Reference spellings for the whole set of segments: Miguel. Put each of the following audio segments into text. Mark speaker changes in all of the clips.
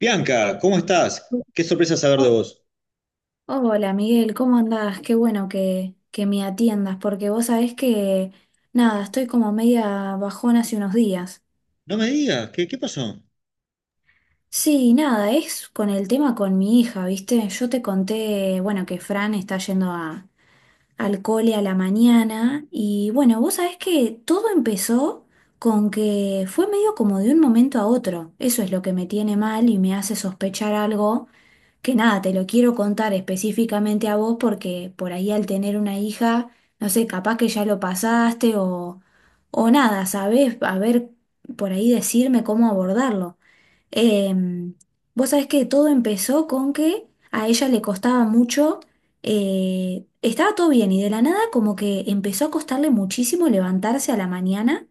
Speaker 1: Bianca, ¿cómo estás? Qué sorpresa saber de
Speaker 2: Oh,
Speaker 1: vos.
Speaker 2: hola Miguel, ¿cómo andás? Qué bueno que me atiendas, porque vos sabés que, nada, estoy como media bajón hace unos días.
Speaker 1: No me digas, ¿qué, qué pasó?
Speaker 2: Sí, nada, es con el tema con mi hija, ¿viste? Yo te conté, bueno, que Fran está yendo a, al cole a la mañana y bueno, vos sabés que todo empezó con que fue medio como de un momento a otro. Eso es lo que me tiene mal y me hace sospechar algo que nada, te lo quiero contar específicamente a vos porque por ahí al tener una hija, no sé, capaz que ya lo pasaste o nada, ¿sabés? A ver, por ahí decirme cómo abordarlo. Em, Vos sabés que todo empezó con que a ella le costaba mucho, estaba todo bien y de la nada como que empezó a costarle muchísimo levantarse a la mañana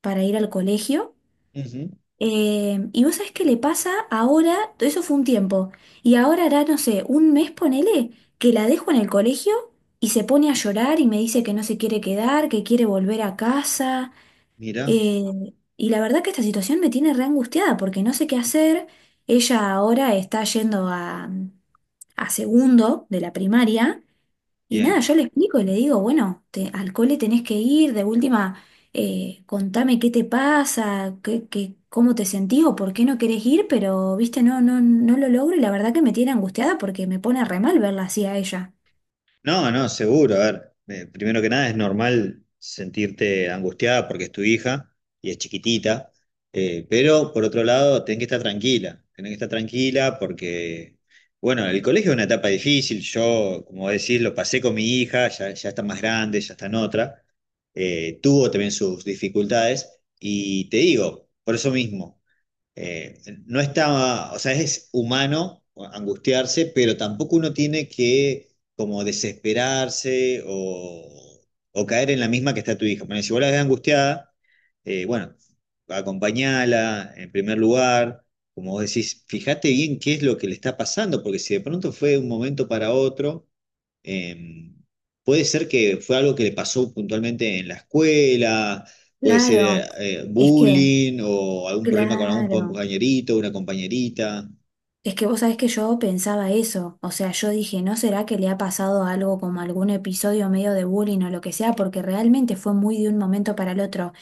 Speaker 2: para ir al colegio.
Speaker 1: Ujú.
Speaker 2: Y vos sabés qué le pasa ahora, eso fue un tiempo, y ahora hará, no sé, un mes ponele, que la dejo en el colegio y se pone a llorar y me dice que no se quiere quedar, que quiere volver a casa.
Speaker 1: Mira,
Speaker 2: Y la verdad que esta situación me tiene re angustiada porque no sé qué hacer. Ella ahora está yendo a segundo de la primaria. Y nada,
Speaker 1: bien.
Speaker 2: yo le explico y le digo, bueno, al cole tenés que ir, de última, contame qué te pasa, cómo te sentís o por qué no querés ir, pero, viste, no lo logro y la verdad que me tiene angustiada porque me pone re mal verla así a ella.
Speaker 1: No, no, seguro. A ver, primero que nada es normal sentirte angustiada porque es tu hija y es chiquitita, pero por otro lado, tenés que estar tranquila, tenés que estar tranquila porque, bueno, el colegio es una etapa difícil. Yo, como decís, lo pasé con mi hija, ya, ya está más grande, ya está en otra. Tuvo también sus dificultades y te digo, por eso mismo. eh, no está, o sea, es humano angustiarse, pero tampoco uno tiene que como desesperarse o caer en la misma que está tu hija. Bueno, si vos la ves angustiada, bueno, acompañala en primer lugar, como vos decís, fíjate bien qué es lo que le está pasando, porque si de pronto fue de un momento para otro, eh, puede ser que fue algo que le pasó puntualmente en la escuela, puede
Speaker 2: Claro,
Speaker 1: ser
Speaker 2: es que,
Speaker 1: bullying o algún problema con algún
Speaker 2: claro.
Speaker 1: compañerito, una compañerita.
Speaker 2: Es que vos sabés que yo pensaba eso, o sea, yo dije, ¿no será que le ha pasado algo como algún episodio medio de bullying o lo que sea? Porque realmente fue muy de un momento para el otro.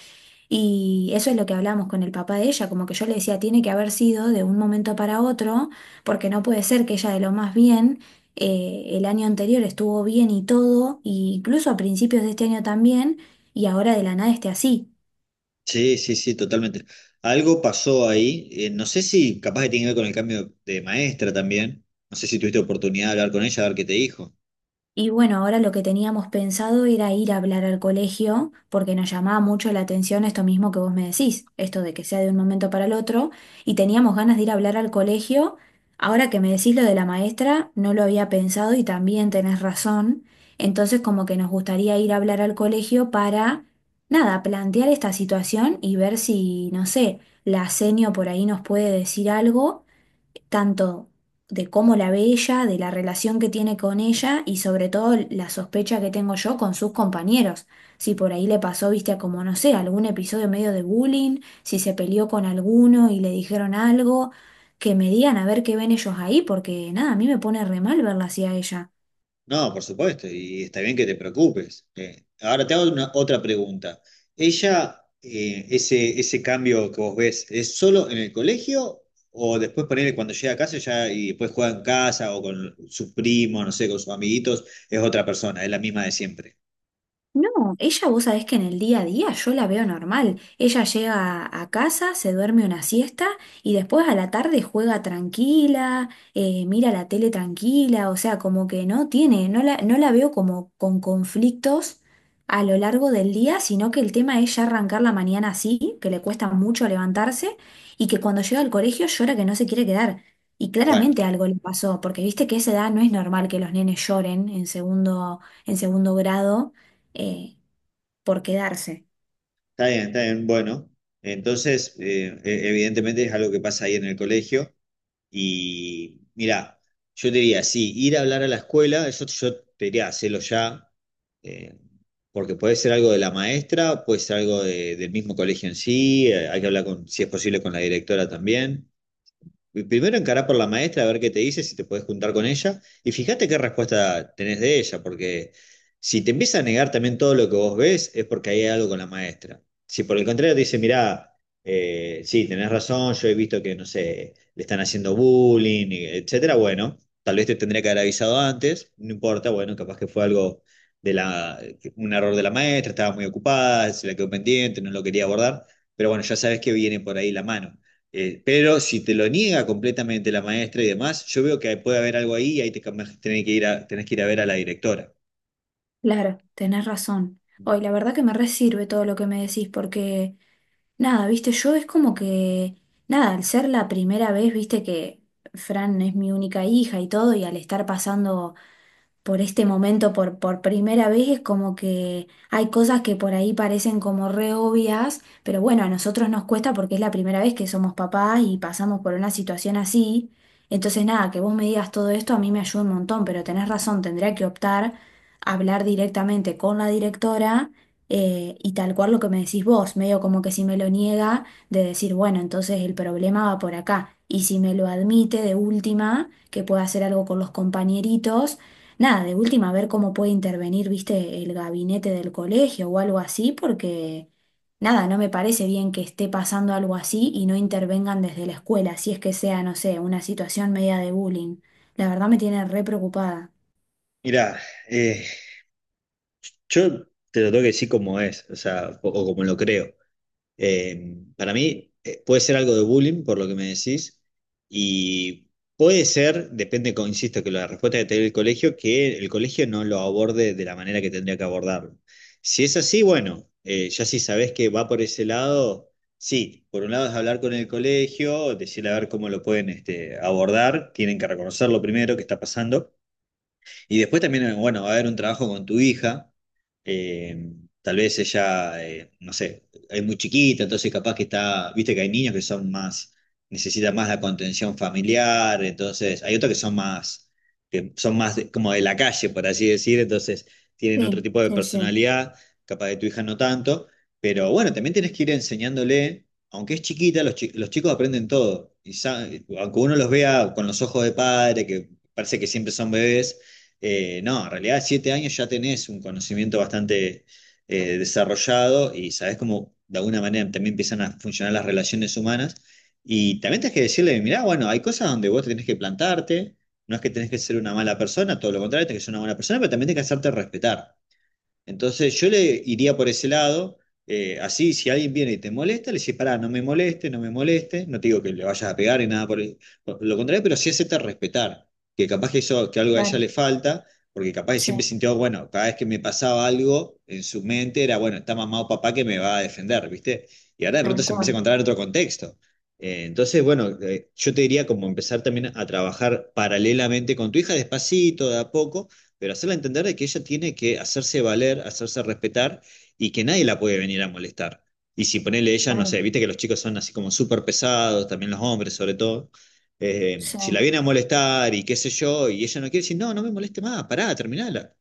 Speaker 2: Y eso es lo que hablamos con el papá de ella, como que yo le decía, tiene que haber sido de un momento para otro, porque no puede ser que ella de lo más bien, el año anterior estuvo bien y todo, e incluso a principios de este año también, y ahora de la nada esté así.
Speaker 1: Sí, sí, sí, totalmente. Algo pasó ahí. No sé si capaz que tiene que ver con el cambio de maestra también. No sé si tuviste oportunidad de hablar con ella, a ver qué te dijo.
Speaker 2: Y bueno, ahora lo que teníamos pensado era ir a hablar al colegio, porque nos llamaba mucho la atención esto mismo que vos me decís, esto de que sea de un momento para el otro, y teníamos ganas de ir a hablar al colegio. Ahora que me decís lo de la maestra, no lo había pensado y también tenés razón. Entonces, como que nos gustaría ir a hablar al colegio para, nada, plantear esta situación y ver si, no sé, la senio por ahí nos puede decir algo tanto de cómo la ve ella, de la relación que tiene con ella y sobre todo la sospecha que tengo yo con sus compañeros. Si por ahí le pasó, viste, a como no sé, algún episodio medio de bullying, si se peleó con alguno y le dijeron algo, que me digan a ver qué ven ellos ahí, porque nada, a mí me pone re mal verla así a ella.
Speaker 1: No, por supuesto, y está bien que te preocupes. Ahora te hago otra pregunta. ¿Ella, ese cambio que vos ves, es solo en el colegio o después ponele cuando llega a casa ya y después juega en casa o con sus primos, no sé, con sus amiguitos, es otra persona, es la misma de siempre?
Speaker 2: No, ella vos sabés que en el día a día yo la veo normal. Ella llega a casa, se duerme una siesta y después a la tarde juega tranquila, mira la tele tranquila, o sea, como que no tiene, no la veo como con conflictos a lo largo del día, sino que el tema es ya arrancar la mañana así, que le cuesta mucho levantarse y que cuando llega al colegio llora que no se quiere quedar. Y
Speaker 1: Bueno,
Speaker 2: claramente algo le pasó, porque viste que a esa edad no es normal que los nenes lloren en segundo grado eh, por quedarse.
Speaker 1: está bien, bueno. Entonces, evidentemente es algo que pasa ahí en el colegio. Y mira, yo te diría, sí, ir a hablar a la escuela, eso yo te diría, hacelo ya, eh, porque puede ser algo de la maestra, puede ser algo del mismo colegio en sí, hay que hablar con, si es posible, con la directora también. Primero encará por la maestra a ver qué te dice, si te puedes juntar con ella, y fíjate qué respuesta tenés de ella, porque si te empieza a negar también todo lo que vos ves, es porque hay algo con la maestra. Si por el contrario te dice, mirá, sí, tenés razón, yo he visto que, no sé, le están haciendo bullying, y etcétera, bueno, tal vez te tendría que haber avisado antes, no importa, bueno, capaz que fue algo de la, un error de la maestra, estaba muy ocupada, se la quedó pendiente, no lo quería abordar, pero bueno, ya sabes que viene por ahí la mano. Pero si te lo niega completamente la maestra y demás, yo veo que puede haber algo ahí y ahí te tenés que ir a, tenés que ir a ver a la directora.
Speaker 2: Claro, tenés razón. Hoy, la verdad que me resirve todo lo que me decís porque, nada, viste, yo es como que, nada, al ser la primera vez, viste que Fran es mi única hija y todo, y al estar pasando por este momento, por primera vez, es como que hay cosas que por ahí parecen como re obvias, pero bueno, a nosotros nos cuesta porque es la primera vez que somos papás y pasamos por una situación así. Entonces, nada, que vos me digas todo esto a mí me ayuda un montón, pero tenés razón, tendría que optar a hablar directamente con la directora. Y tal cual lo que me decís vos, medio como que si me lo niega, de decir, bueno, entonces el problema va por acá. Y si me lo admite de última, que pueda hacer algo con los compañeritos. Nada, de última, ver cómo puede intervenir, viste, el gabinete del colegio o algo así, porque nada, no me parece bien que esté pasando algo así y no intervengan desde la escuela, si es que sea, no sé, una situación media de bullying. La verdad me tiene re preocupada.
Speaker 1: Mirá, eh, yo te lo tengo que decir como es, o sea, o como lo creo. Para mí puede ser algo de bullying, por lo que me decís, y puede ser, depende, insisto, que la respuesta que te dé el colegio, que el colegio no lo aborde de la manera que tendría que abordarlo. Si es así, bueno, ya si sabés que va por ese lado, sí, por un lado es hablar con el colegio, decirle a ver cómo lo pueden este, abordar, tienen que reconocerlo primero, que está pasando. Y después también, bueno, va a haber un trabajo con tu hija. eh, tal vez ella, no sé, es muy chiquita, entonces capaz que está, viste que hay niños que son más, necesitan más la contención familiar, entonces hay otros que son más como de la calle, por así decir, entonces tienen otro
Speaker 2: Sí,
Speaker 1: tipo de
Speaker 2: sí, sí,
Speaker 1: personalidad, capaz de tu hija no tanto, pero bueno, también tenés que ir enseñándole, aunque es chiquita, los chicos aprenden todo, y aunque uno los vea con los ojos de padre, que parece que siempre son bebés, no, en realidad 7 años ya tenés un conocimiento bastante desarrollado y sabés cómo de alguna manera también empiezan a funcionar las relaciones humanas. Y también tenés que decirle, mirá, bueno, hay cosas donde vos tenés que plantarte, no es que tenés que ser una mala persona, todo lo contrario, tenés que ser una buena persona, pero también tenés que hacerte respetar. Entonces yo le iría por ese lado, así si alguien viene y te molesta, le decís, pará, no me moleste, no me moleste, no te digo que le vayas a pegar ni nada por, por lo contrario, pero sí hacerte respetar, que capaz que eso, que algo a ella
Speaker 2: claro,
Speaker 1: le falta, porque capaz que siempre
Speaker 2: sí,
Speaker 1: sintió, bueno, cada vez que me pasaba algo en su mente era, bueno, está mamá o papá que me va a defender, ¿viste? Y ahora de pronto
Speaker 2: tal
Speaker 1: se empieza a
Speaker 2: cual,
Speaker 1: encontrar en otro contexto. Entonces, bueno, yo te diría como empezar también a trabajar paralelamente con tu hija, despacito, de a poco pero hacerla entender de que ella tiene que hacerse valer, hacerse respetar y que nadie la puede venir a molestar. Y si ponerle ella, no
Speaker 2: claro,
Speaker 1: sé, viste que los chicos son así como súper pesados, también los hombres sobre todo.
Speaker 2: sí,
Speaker 1: Si la viene a molestar y qué sé yo, y ella no quiere decir, no, no me moleste más, pará, terminala.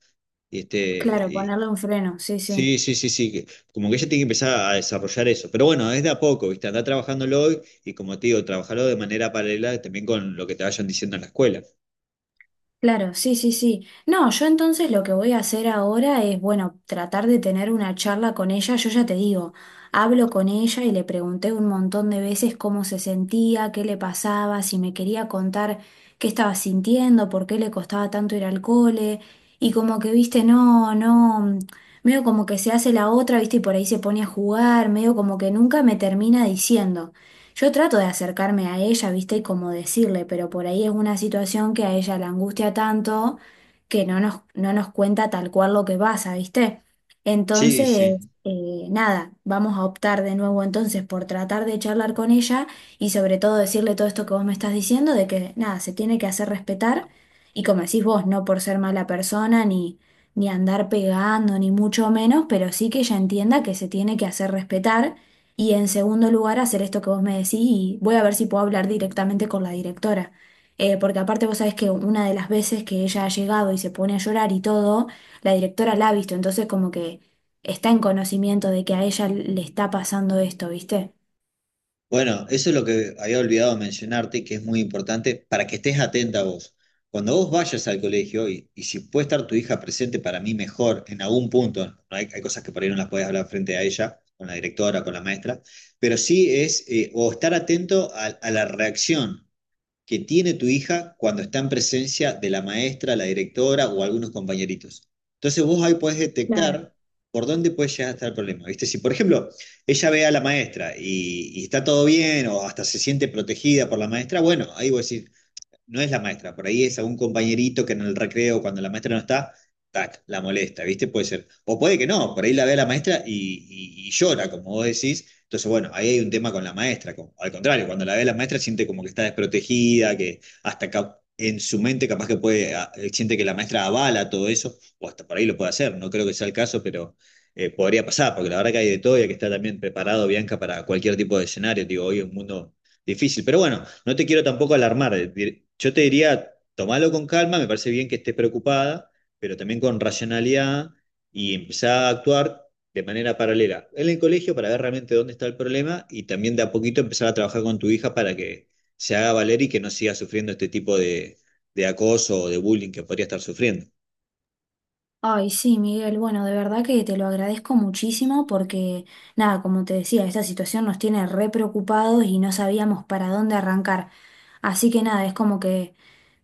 Speaker 1: Y
Speaker 2: claro,
Speaker 1: este,
Speaker 2: ponerle un freno, sí, sí.
Speaker 1: sí, sí, sí, sí, como que ella tiene que empezar a desarrollar eso. Pero bueno, es de a poco, viste, anda trabajándolo hoy y como te digo, trabajarlo de manera paralela también con lo que te vayan diciendo en la escuela.
Speaker 2: Claro, sí, sí, sí. No, yo entonces lo que voy a hacer ahora es, bueno, tratar de tener una charla con ella. Yo ya te digo, hablo con ella y le pregunté un montón de veces cómo se sentía, qué le pasaba, si me quería contar qué estaba sintiendo, por qué le costaba tanto ir al cole. Y como que, viste, no, no, medio como que se hace la otra, viste, y por ahí se pone a jugar, medio como que nunca me termina diciendo. Yo trato de acercarme a ella, viste, y como decirle, pero por ahí es una situación que a ella la angustia tanto que no nos cuenta tal cual lo que pasa, viste.
Speaker 1: Sí,
Speaker 2: Entonces,
Speaker 1: sí.
Speaker 2: nada, vamos a optar de nuevo entonces por tratar de charlar con ella y sobre todo decirle todo esto que vos me estás diciendo, de que nada, se tiene que hacer respetar y como decís vos, no por ser mala persona ni, ni andar pegando, ni mucho menos, pero sí que ella entienda que se tiene que hacer respetar y en segundo lugar, hacer esto que vos me decís y voy a ver si puedo hablar directamente con la directora. Porque aparte vos sabés que una de las veces que ella ha llegado y se pone a llorar y todo, la directora la ha visto, entonces como que está en conocimiento de que a ella le está pasando esto, ¿viste?
Speaker 1: Bueno, eso es lo que había olvidado mencionarte, que es muy importante para que estés atenta vos. Cuando vos vayas al colegio, y si puede estar tu hija presente para mí mejor en algún punto, ¿no? Hay cosas que por ahí no las puedes hablar frente a ella, con la directora, con la maestra, pero sí es, o estar atento a la reacción que tiene tu hija cuando está en presencia de la maestra, la directora o algunos compañeritos. Entonces vos ahí podés
Speaker 2: Claro.
Speaker 1: detectar por dónde puede llegar a estar el problema. ¿Viste? Si, por ejemplo, ella ve a la maestra y está todo bien o hasta se siente protegida por la maestra, bueno, ahí vos decís, no es la maestra, por ahí es algún compañerito que en el recreo, cuando la maestra no está, tac, la molesta, ¿viste? Puede ser. O puede que no, por ahí la ve a la maestra y, y llora, como vos decís. Entonces, bueno, ahí hay un tema con la maestra. Al contrario, cuando la ve a la maestra siente como que está desprotegida, que hasta en su mente capaz que puede, siente que la maestra avala todo eso, o hasta por ahí lo puede hacer, no creo que sea el caso, pero podría pasar, porque la verdad que hay de todo y hay que estar también preparado, Bianca, para cualquier tipo de escenario. Digo, hoy es un mundo difícil. Pero bueno, no te quiero tampoco alarmar. Yo te diría, tomalo con calma, me parece bien que estés preocupada, pero también con racionalidad y empezar a actuar de manera paralela en el colegio para ver realmente dónde está el problema y también de a poquito empezar a trabajar con tu hija para que se haga valer y que no siga sufriendo este tipo de acoso o de bullying que podría estar sufriendo.
Speaker 2: Ay, sí, Miguel, bueno, de verdad que te lo agradezco muchísimo porque, nada, como te decía, esta situación nos tiene re preocupados y no sabíamos para dónde arrancar. Así que nada, es como que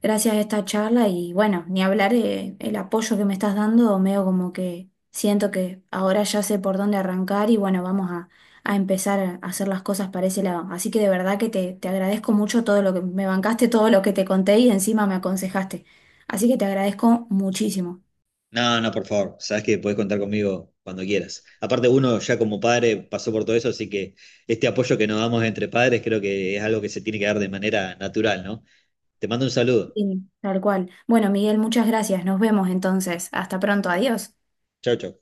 Speaker 2: gracias a esta charla y bueno, ni hablar el apoyo que me estás dando, medio como que siento que ahora ya sé por dónde arrancar y bueno, vamos a empezar a hacer las cosas para ese lado. Así que de verdad que te agradezco mucho todo lo que me bancaste, todo lo que te conté y encima me aconsejaste. Así que te agradezco muchísimo.
Speaker 1: No, no, por favor. Sabes que podés contar conmigo cuando quieras. Aparte, uno ya como padre pasó por todo eso, así que este apoyo que nos damos entre padres creo que es algo que se tiene que dar de manera natural, ¿no? Te mando un saludo.
Speaker 2: Sí, tal cual. Bueno, Miguel, muchas gracias. Nos vemos entonces. Hasta pronto. Adiós.
Speaker 1: Chau, chau.